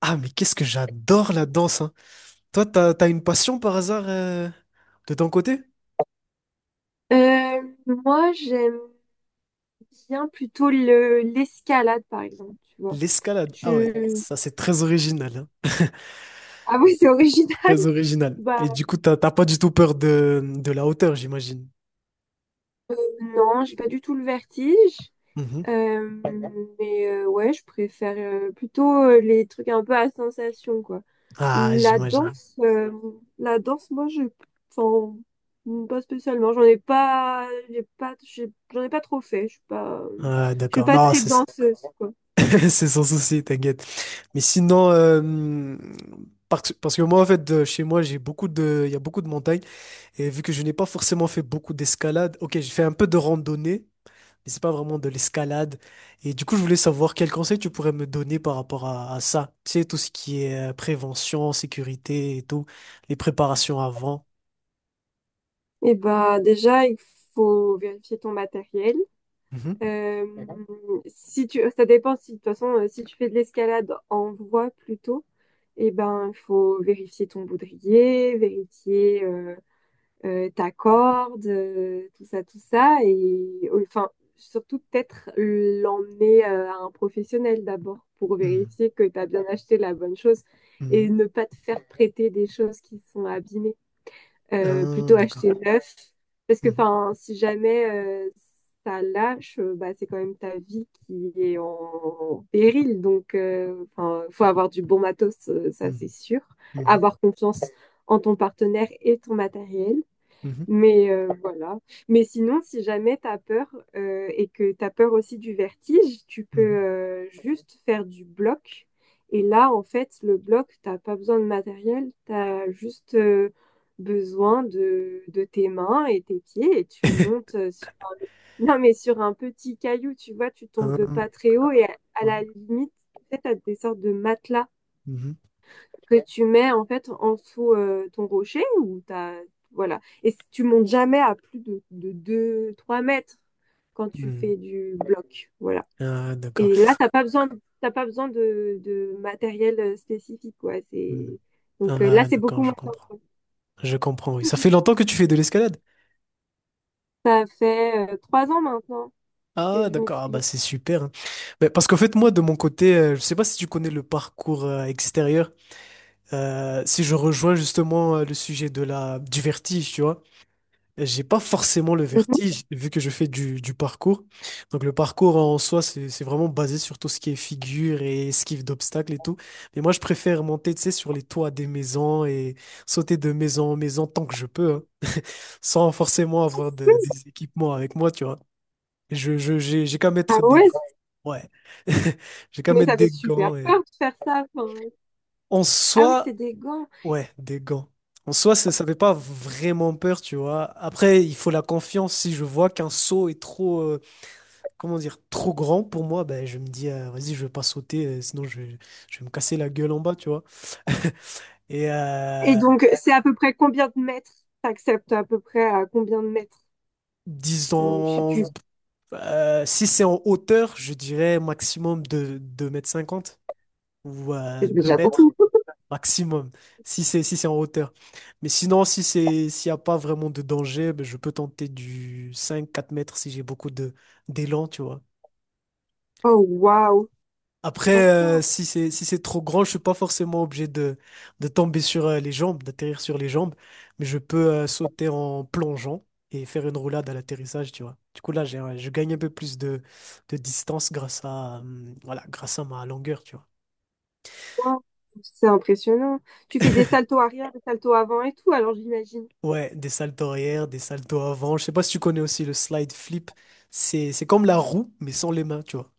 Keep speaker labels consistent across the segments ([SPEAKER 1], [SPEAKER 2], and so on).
[SPEAKER 1] Ah, mais qu'est-ce que j'adore la danse, hein. Toi, t'as une passion par hasard de ton côté?
[SPEAKER 2] Moi, j'aime bien plutôt le l'escalade, par exemple, tu vois.
[SPEAKER 1] L'escalade. Ah ouais,
[SPEAKER 2] Je...
[SPEAKER 1] ça c'est très original, hein.
[SPEAKER 2] Ah oui, c'est original.
[SPEAKER 1] Très original.
[SPEAKER 2] Bah
[SPEAKER 1] Et du coup, t'as pas du tout peur de la hauteur, j'imagine.
[SPEAKER 2] non, j'ai pas du tout le vertige.
[SPEAKER 1] Mhm.
[SPEAKER 2] Euh, mais ouais, je préfère plutôt les trucs un peu à sensation, quoi.
[SPEAKER 1] Ah,
[SPEAKER 2] La
[SPEAKER 1] j'imagine.
[SPEAKER 2] danse, euh, la danse, moi. Enfin, pas spécialement. J'en ai pas trop fait.
[SPEAKER 1] Ah,
[SPEAKER 2] Je suis
[SPEAKER 1] d'accord.
[SPEAKER 2] pas
[SPEAKER 1] Non,
[SPEAKER 2] très
[SPEAKER 1] c'est ça.
[SPEAKER 2] danseuse, quoi.
[SPEAKER 1] C'est sans souci, t'inquiète. Mais sinon, parce que moi, en fait, chez moi, il y a beaucoup de montagnes. Et vu que je n'ai pas forcément fait beaucoup d'escalade, ok, j'ai fait un peu de randonnée, mais c'est pas vraiment de l'escalade. Et du coup, je voulais savoir quel conseil tu pourrais me donner par rapport à ça. Tu sais, tout ce qui est prévention, sécurité et tout, les préparations avant.
[SPEAKER 2] Eh ben, déjà, il faut vérifier ton matériel.
[SPEAKER 1] Mhm,
[SPEAKER 2] Mhm. si tu, Ça dépend si, de toute façon, si tu fais de l'escalade en voie plutôt, eh ben, il faut vérifier ton baudrier, vérifier ta corde, tout ça, tout ça. Et enfin, surtout peut-être l'emmener à un professionnel d'abord pour
[SPEAKER 1] mhm,
[SPEAKER 2] vérifier que tu as bien acheté la bonne chose et
[SPEAKER 1] mhm.
[SPEAKER 2] ne pas te faire prêter des choses qui sont abîmées. Euh,
[SPEAKER 1] Ah,
[SPEAKER 2] plutôt acheter
[SPEAKER 1] d'accord.
[SPEAKER 2] neuf. Parce que
[SPEAKER 1] Mhm,
[SPEAKER 2] enfin, si jamais ça lâche, bah, c'est quand même ta vie qui est en péril. Donc, enfin, faut avoir du bon matos, ça c'est sûr.
[SPEAKER 1] mhm,
[SPEAKER 2] Avoir confiance en ton partenaire et ton matériel.
[SPEAKER 1] mhm,
[SPEAKER 2] Mais voilà. Mais sinon, si jamais tu as peur et que tu as peur aussi du vertige, tu peux
[SPEAKER 1] mhm, mhm.
[SPEAKER 2] juste faire du bloc. Et là, en fait, le bloc, t'as pas besoin de matériel, tu as juste besoin de tes mains et tes pieds et tu montes sur Non, mais sur un petit caillou, tu vois, tu tombes de
[SPEAKER 1] Ah,
[SPEAKER 2] pas très haut et à
[SPEAKER 1] ouais.
[SPEAKER 2] la limite, peut-être t'as des sortes de matelas
[SPEAKER 1] Mhm,
[SPEAKER 2] que tu mets en fait en dessous ton rocher ou t'as voilà. Et si tu montes jamais à plus de 2 3 mètres quand tu
[SPEAKER 1] mhm.
[SPEAKER 2] fais du bloc, voilà.
[SPEAKER 1] Ah, d'accord.
[SPEAKER 2] Et là t'as pas besoin de matériel spécifique, quoi.
[SPEAKER 1] Mhm.
[SPEAKER 2] C'est donc, là,
[SPEAKER 1] Ah,
[SPEAKER 2] c'est beaucoup
[SPEAKER 1] d'accord, je
[SPEAKER 2] moins.
[SPEAKER 1] comprends. Je comprends, oui. Ça fait longtemps que tu fais de l'escalade?
[SPEAKER 2] Ça fait 3 ans maintenant que
[SPEAKER 1] Ah,
[SPEAKER 2] je m'y
[SPEAKER 1] d'accord, ah,
[SPEAKER 2] suis.
[SPEAKER 1] bah, c'est super, hein. Mais parce qu'en fait, moi, de mon côté, je sais pas si tu connais le parcours extérieur. Si je rejoins justement le sujet de du vertige, tu vois, j'ai pas forcément le
[SPEAKER 2] Mhm.
[SPEAKER 1] vertige vu que je fais du parcours. Donc, le parcours en soi, c'est vraiment basé sur tout ce qui est figure et esquive d'obstacles et tout. Mais moi, je préfère monter, tu sais, sur les toits des maisons et sauter de maison en maison tant que je peux, hein, sans forcément avoir des équipements avec moi, tu vois. J'ai qu'à
[SPEAKER 2] Ah
[SPEAKER 1] mettre des
[SPEAKER 2] ouais.
[SPEAKER 1] gants. Ouais. J'ai qu'à
[SPEAKER 2] Mais
[SPEAKER 1] mettre
[SPEAKER 2] ça fait
[SPEAKER 1] des gants.
[SPEAKER 2] super
[SPEAKER 1] Et...
[SPEAKER 2] peur de faire ça, enfin.
[SPEAKER 1] En
[SPEAKER 2] Ah oui,
[SPEAKER 1] soi,
[SPEAKER 2] c'est des gants.
[SPEAKER 1] ouais, des gants. En soi, ça fait pas vraiment peur, tu vois. Après, il faut la confiance. Si je vois qu'un saut est trop, comment dire, trop grand pour moi, ben, je me dis, vas-y, je vais pas sauter, je vais me casser la gueule en bas, tu vois. Et
[SPEAKER 2] Et donc, c'est à peu près combien de mètres? T'acceptes à peu près à combien de mètres? Je sais.
[SPEAKER 1] disons, si c'est en hauteur, je dirais maximum de 2,50 m ou
[SPEAKER 2] C'est
[SPEAKER 1] 2
[SPEAKER 2] déjà
[SPEAKER 1] mètres.
[SPEAKER 2] beaucoup.
[SPEAKER 1] Maximum, si c'est en hauteur. Mais sinon, si c'est s'il n'y a pas vraiment de danger, ben, je peux tenter du 5 4 m si j'ai beaucoup de d'élan, tu vois.
[SPEAKER 2] Oh, waouh.
[SPEAKER 1] Après,
[SPEAKER 2] D'accord.
[SPEAKER 1] si c'est trop grand, je suis pas forcément obligé de tomber sur les jambes, d'atterrir sur les jambes, mais je peux sauter en plongeant et faire une roulade à l'atterrissage, tu vois. Du coup, là, je gagne un peu plus de distance grâce à, voilà, grâce à ma longueur, tu vois.
[SPEAKER 2] Waouh. C'est impressionnant. Tu fais des saltos arrière, des saltos avant et tout, alors j'imagine.
[SPEAKER 1] Ouais, des saltos arrière, des saltos avant. Je sais pas si tu connais aussi le slide flip. C'est comme la roue, mais sans les mains, tu vois.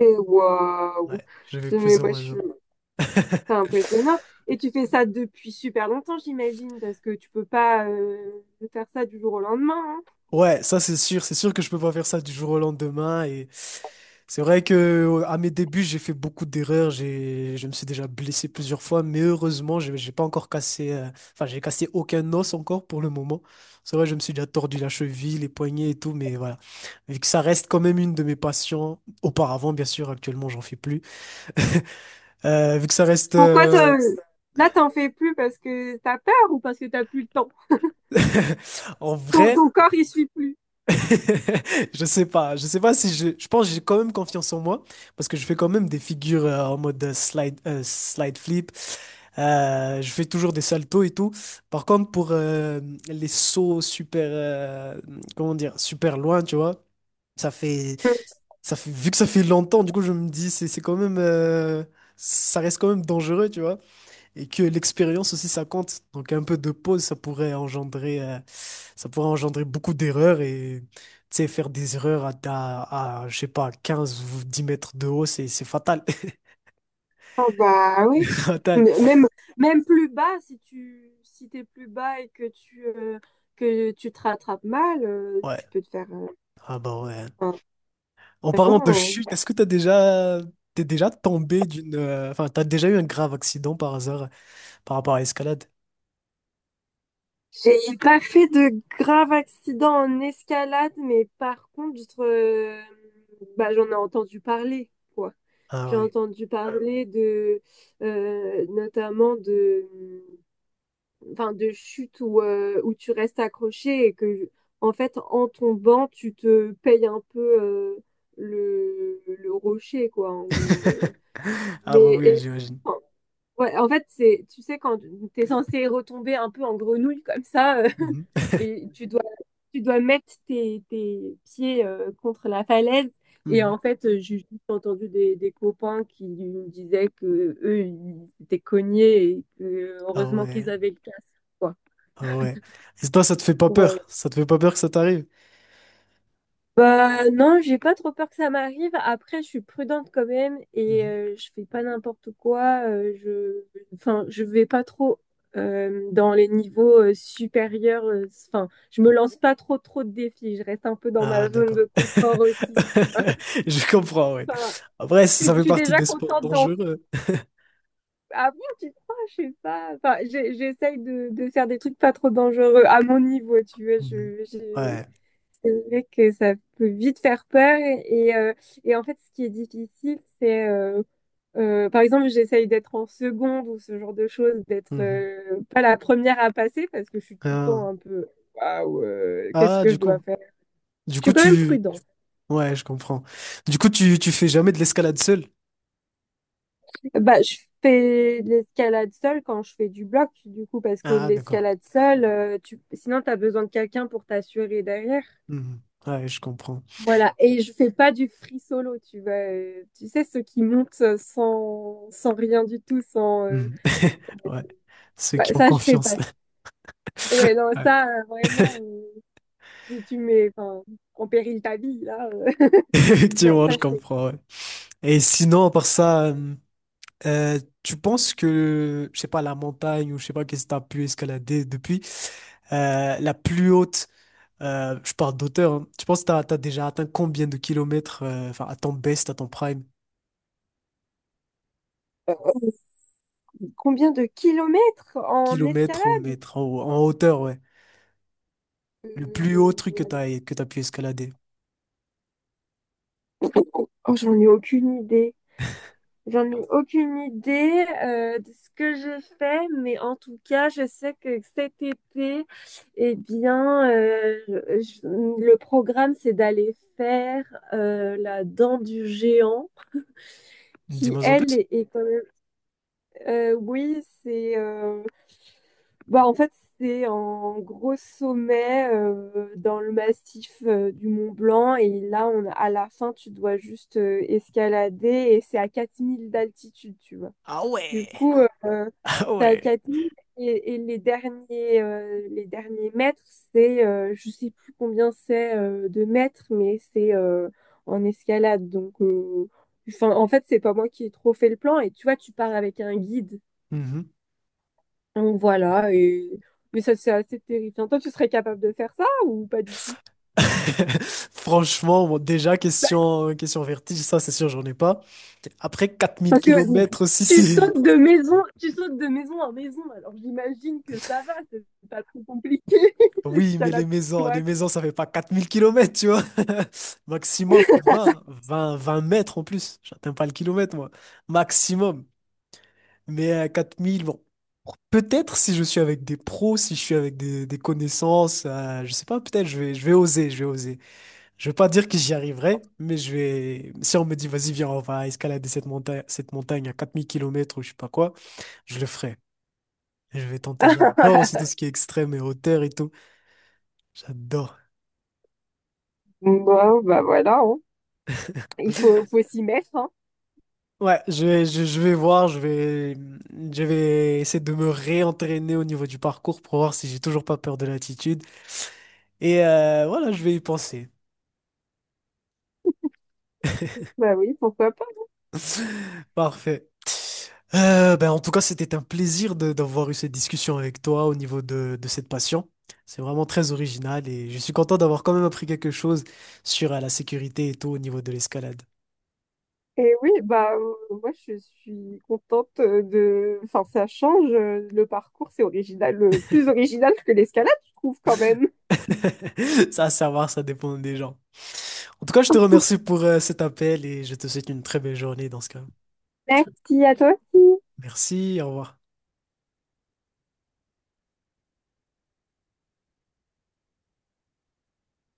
[SPEAKER 2] Et waouh.
[SPEAKER 1] Ouais, je vais
[SPEAKER 2] Je- Mais
[SPEAKER 1] plus ou
[SPEAKER 2] moi, je
[SPEAKER 1] moins
[SPEAKER 2] suis...
[SPEAKER 1] ça.
[SPEAKER 2] C'est impressionnant. Et tu fais ça depuis super longtemps, j'imagine, parce que tu peux pas faire ça du jour au lendemain, hein.
[SPEAKER 1] Ouais, ça c'est sûr. C'est sûr que je peux pas faire ça du jour au lendemain. Et c'est vrai que à mes débuts, j'ai fait beaucoup d'erreurs. Je me suis déjà blessé plusieurs fois, mais heureusement, j'ai pas encore cassé. Enfin, j'ai cassé aucun os encore pour le moment. C'est vrai, je me suis déjà tordu la cheville, les poignets et tout, mais voilà. Vu que ça reste quand même une de mes passions. Auparavant, bien sûr, actuellement, j'en fais plus. Vu que ça reste
[SPEAKER 2] Pourquoi t'en- Là, t'en fais plus parce que t'as peur ou parce que t'as plus le temps?
[SPEAKER 1] en
[SPEAKER 2] Ton
[SPEAKER 1] vrai,
[SPEAKER 2] corps, il suit plus.
[SPEAKER 1] je sais pas si je, je pense que j'ai quand même confiance en moi parce que je fais quand même des figures en mode slide flip. Je fais toujours des saltos et tout. Par contre, pour les sauts super comment dire, super loin, tu vois, ça fait ça fait vu que ça fait longtemps, du coup je me dis c'est quand même ça reste quand même dangereux, tu vois. Et que l'expérience aussi ça compte. Donc un peu de pause, ça pourrait engendrer beaucoup d'erreurs. Et tu sais, faire des erreurs à, je sais pas, 15, ou 10 mètres de haut, c'est fatal.
[SPEAKER 2] Ah bah oui.
[SPEAKER 1] Fatal.
[SPEAKER 2] M- Même, Même plus bas, si t'es plus bas et que tu te rattrapes mal,
[SPEAKER 1] Ouais.
[SPEAKER 2] tu peux te faire
[SPEAKER 1] Ah bah ouais.
[SPEAKER 2] un-
[SPEAKER 1] En parlant de
[SPEAKER 2] vraiment.
[SPEAKER 1] chute, est-ce que t'es déjà tombé d'une enfin t'as déjà eu un grave accident par hasard par rapport à l'escalade?
[SPEAKER 2] J'ai pas fait de grave accident en escalade, mais par contre, bah, j'en ai entendu parler, quoi.
[SPEAKER 1] Ah
[SPEAKER 2] J'ai
[SPEAKER 1] oui.
[SPEAKER 2] entendu parler de notamment de enfin, de chute où tu restes accroché et que, en fait, en tombant, tu te payes un peu le rocher, quoi, en gros.
[SPEAKER 1] Ah bah
[SPEAKER 2] Mais
[SPEAKER 1] oui,
[SPEAKER 2] et-
[SPEAKER 1] j'imagine.
[SPEAKER 2] enfin, ouais, en fait, tu sais, quand tu es censé retomber un peu en grenouille comme ça.
[SPEAKER 1] Mhm.
[SPEAKER 2] Et tu dois mettre tes pieds contre la falaise. Et
[SPEAKER 1] Mhm.
[SPEAKER 2] en fait, j'ai juste entendu des copains qui me disaient que eux, ils étaient cognés et que
[SPEAKER 1] Ah
[SPEAKER 2] heureusement qu'ils
[SPEAKER 1] ouais.
[SPEAKER 2] avaient le casque, quoi.
[SPEAKER 1] Ah ouais. Et toi, ça te fait pas
[SPEAKER 2] Pour, euh,
[SPEAKER 1] peur? Ça te fait pas peur que ça t'arrive?
[SPEAKER 2] Bah non, j'ai pas trop peur que ça m'arrive. Après, je suis prudente quand même et
[SPEAKER 1] Mhm.
[SPEAKER 2] je fais pas n'importe quoi. Enfin, je vais pas trop dans les niveaux supérieurs. Enfin, je me lance pas trop trop de défis. Je reste un peu dans
[SPEAKER 1] Ah,
[SPEAKER 2] ma zone
[SPEAKER 1] d'accord.
[SPEAKER 2] de confort aussi.
[SPEAKER 1] Je comprends, ouais.
[SPEAKER 2] Enfin,
[SPEAKER 1] Après, ça
[SPEAKER 2] je
[SPEAKER 1] fait
[SPEAKER 2] suis
[SPEAKER 1] partie
[SPEAKER 2] déjà
[SPEAKER 1] des sports
[SPEAKER 2] contente d'en.
[SPEAKER 1] dangereux.
[SPEAKER 2] Ah bon, tu crois? Je sais pas. Enfin, j'essaye de faire des trucs pas trop dangereux à mon niveau, tu vois.
[SPEAKER 1] Mhm. Ouais.
[SPEAKER 2] C'est vrai que ça peut vite faire peur et, euh, et, en fait, ce qui est difficile, c'est par exemple, j'essaye d'être en seconde ou ce genre de choses, d'être
[SPEAKER 1] Mhm.
[SPEAKER 2] pas la première à passer parce que je suis tout le
[SPEAKER 1] Ah.
[SPEAKER 2] temps un peu waouh, qu'est-ce
[SPEAKER 1] Ah,
[SPEAKER 2] que je
[SPEAKER 1] du
[SPEAKER 2] dois
[SPEAKER 1] coup.
[SPEAKER 2] faire?
[SPEAKER 1] Du
[SPEAKER 2] Je
[SPEAKER 1] coup,
[SPEAKER 2] suis quand même
[SPEAKER 1] tu...
[SPEAKER 2] prudente.
[SPEAKER 1] Ouais, je comprends. Du coup, tu fais jamais de l'escalade seul?
[SPEAKER 2] Bah, je fais de l'escalade seule quand je fais du bloc, du coup, parce que
[SPEAKER 1] Ah, d'accord.
[SPEAKER 2] l'escalade seule, tu sinon t'as besoin de quelqu'un pour t'assurer derrière.
[SPEAKER 1] Mhm. Ouais, je comprends.
[SPEAKER 2] Voilà, et je fais pas du free solo, tu vois. Tu sais, ceux qui montent sans rien du tout, sans...
[SPEAKER 1] Mhm. Ouais. Ceux
[SPEAKER 2] bah,
[SPEAKER 1] qui ont
[SPEAKER 2] ça, je fais
[SPEAKER 1] confiance.
[SPEAKER 2] pas. Ouais, non,
[SPEAKER 1] Ouais.
[SPEAKER 2] ça, vraiment, tu mets, enfin, en péril ta vie, là. Non,
[SPEAKER 1] Effectivement,
[SPEAKER 2] ça,
[SPEAKER 1] je
[SPEAKER 2] je fais.
[SPEAKER 1] comprends, ouais. Et sinon, à part ça... tu penses que, je sais pas, la montagne ou je sais pas qu'est-ce que t'as pu escalader depuis, la plus haute, je parle d'auteur, hein, tu penses que t'as déjà atteint combien de kilomètres, enfin, à ton best, à ton prime,
[SPEAKER 2] Euh, Combien de kilomètres en
[SPEAKER 1] kilomètres ou
[SPEAKER 2] escalade?
[SPEAKER 1] mètres, en hauteur, ouais. Le plus haut truc que
[SPEAKER 2] Euh,
[SPEAKER 1] que t'as pu escalader.
[SPEAKER 2] Oh j'en ai aucune idée. J'en ai aucune idée de ce que j'ai fait, mais en tout cas, je sais que cet été, eh bien, le programme, c'est d'aller faire la dent du géant, qui,
[SPEAKER 1] Dis-moi en
[SPEAKER 2] elle,
[SPEAKER 1] plus.
[SPEAKER 2] est quand même... oui, bah, en fait, c'est en gros sommet dans le massif du Mont Blanc, et là, à la fin, tu dois juste escalader, et c'est à 4 000 d'altitude, tu vois.
[SPEAKER 1] Ah
[SPEAKER 2] Du
[SPEAKER 1] ouais,
[SPEAKER 2] coup, euh,
[SPEAKER 1] ah
[SPEAKER 2] c'est à
[SPEAKER 1] ouais.
[SPEAKER 2] et les derniers mètres, je sais plus combien c'est de mètres, mais c'est en escalade. Donc, enfin, en fait, c'est pas moi qui ai trop fait le plan. Et tu vois, tu pars avec un guide.
[SPEAKER 1] Mhm.
[SPEAKER 2] Donc voilà. Mais ça, c'est assez terrifiant. Toi, tu serais capable de faire ça ou pas du tout?
[SPEAKER 1] Franchement, bon, déjà,
[SPEAKER 2] Bah,
[SPEAKER 1] question vertige, ça c'est sûr, j'en ai pas. Après 4000
[SPEAKER 2] parce que
[SPEAKER 1] kilomètres aussi, c'est...
[SPEAKER 2] tu sautes de maison en maison. Alors j'imagine que ça va, c'est pas trop compliqué
[SPEAKER 1] Oui, mais
[SPEAKER 2] l'escalade pour toi.
[SPEAKER 1] les maisons, ça fait pas 4000 km, tu vois. Maximum 20 m en plus. J'atteins pas le kilomètre, moi. Maximum. Mais à 4000, bon. Peut-être si je suis avec des pros, si je suis avec des connaissances, je sais pas, peut-être je vais oser, je vais oser. Je vais pas dire que j'y arriverai, mais je vais. Si on me dit, vas-y, viens, on va escalader cette montagne à 4000 km ou je sais pas quoi, je le ferai. Je vais tenter. J'adore aussi tout ce qui est extrême et hauteur et tout. J'adore.
[SPEAKER 2] Bon, bah voilà, hein. Faut s'y mettre, hein.
[SPEAKER 1] Ouais, je vais voir, je vais essayer de me réentraîner au niveau du parcours pour voir si j'ai toujours pas peur de l'altitude. Et voilà, je vais y penser.
[SPEAKER 2] Bah oui, pourquoi pas.
[SPEAKER 1] Parfait. Ben, en tout cas, c'était un plaisir d'avoir eu cette discussion avec toi au niveau de cette passion. C'est vraiment très original et je suis content d'avoir quand même appris quelque chose sur la sécurité et tout au niveau de l'escalade.
[SPEAKER 2] Et oui, bah moi, je suis contente de... Enfin, ça change, le parcours, c'est original, plus original que l'escalade, je trouve quand même.
[SPEAKER 1] Ça, à savoir, ça dépend des gens. En tout cas, je te remercie pour cet appel et je te souhaite une très belle journée dans ce cas.
[SPEAKER 2] Merci à toi aussi.
[SPEAKER 1] Merci, au revoir.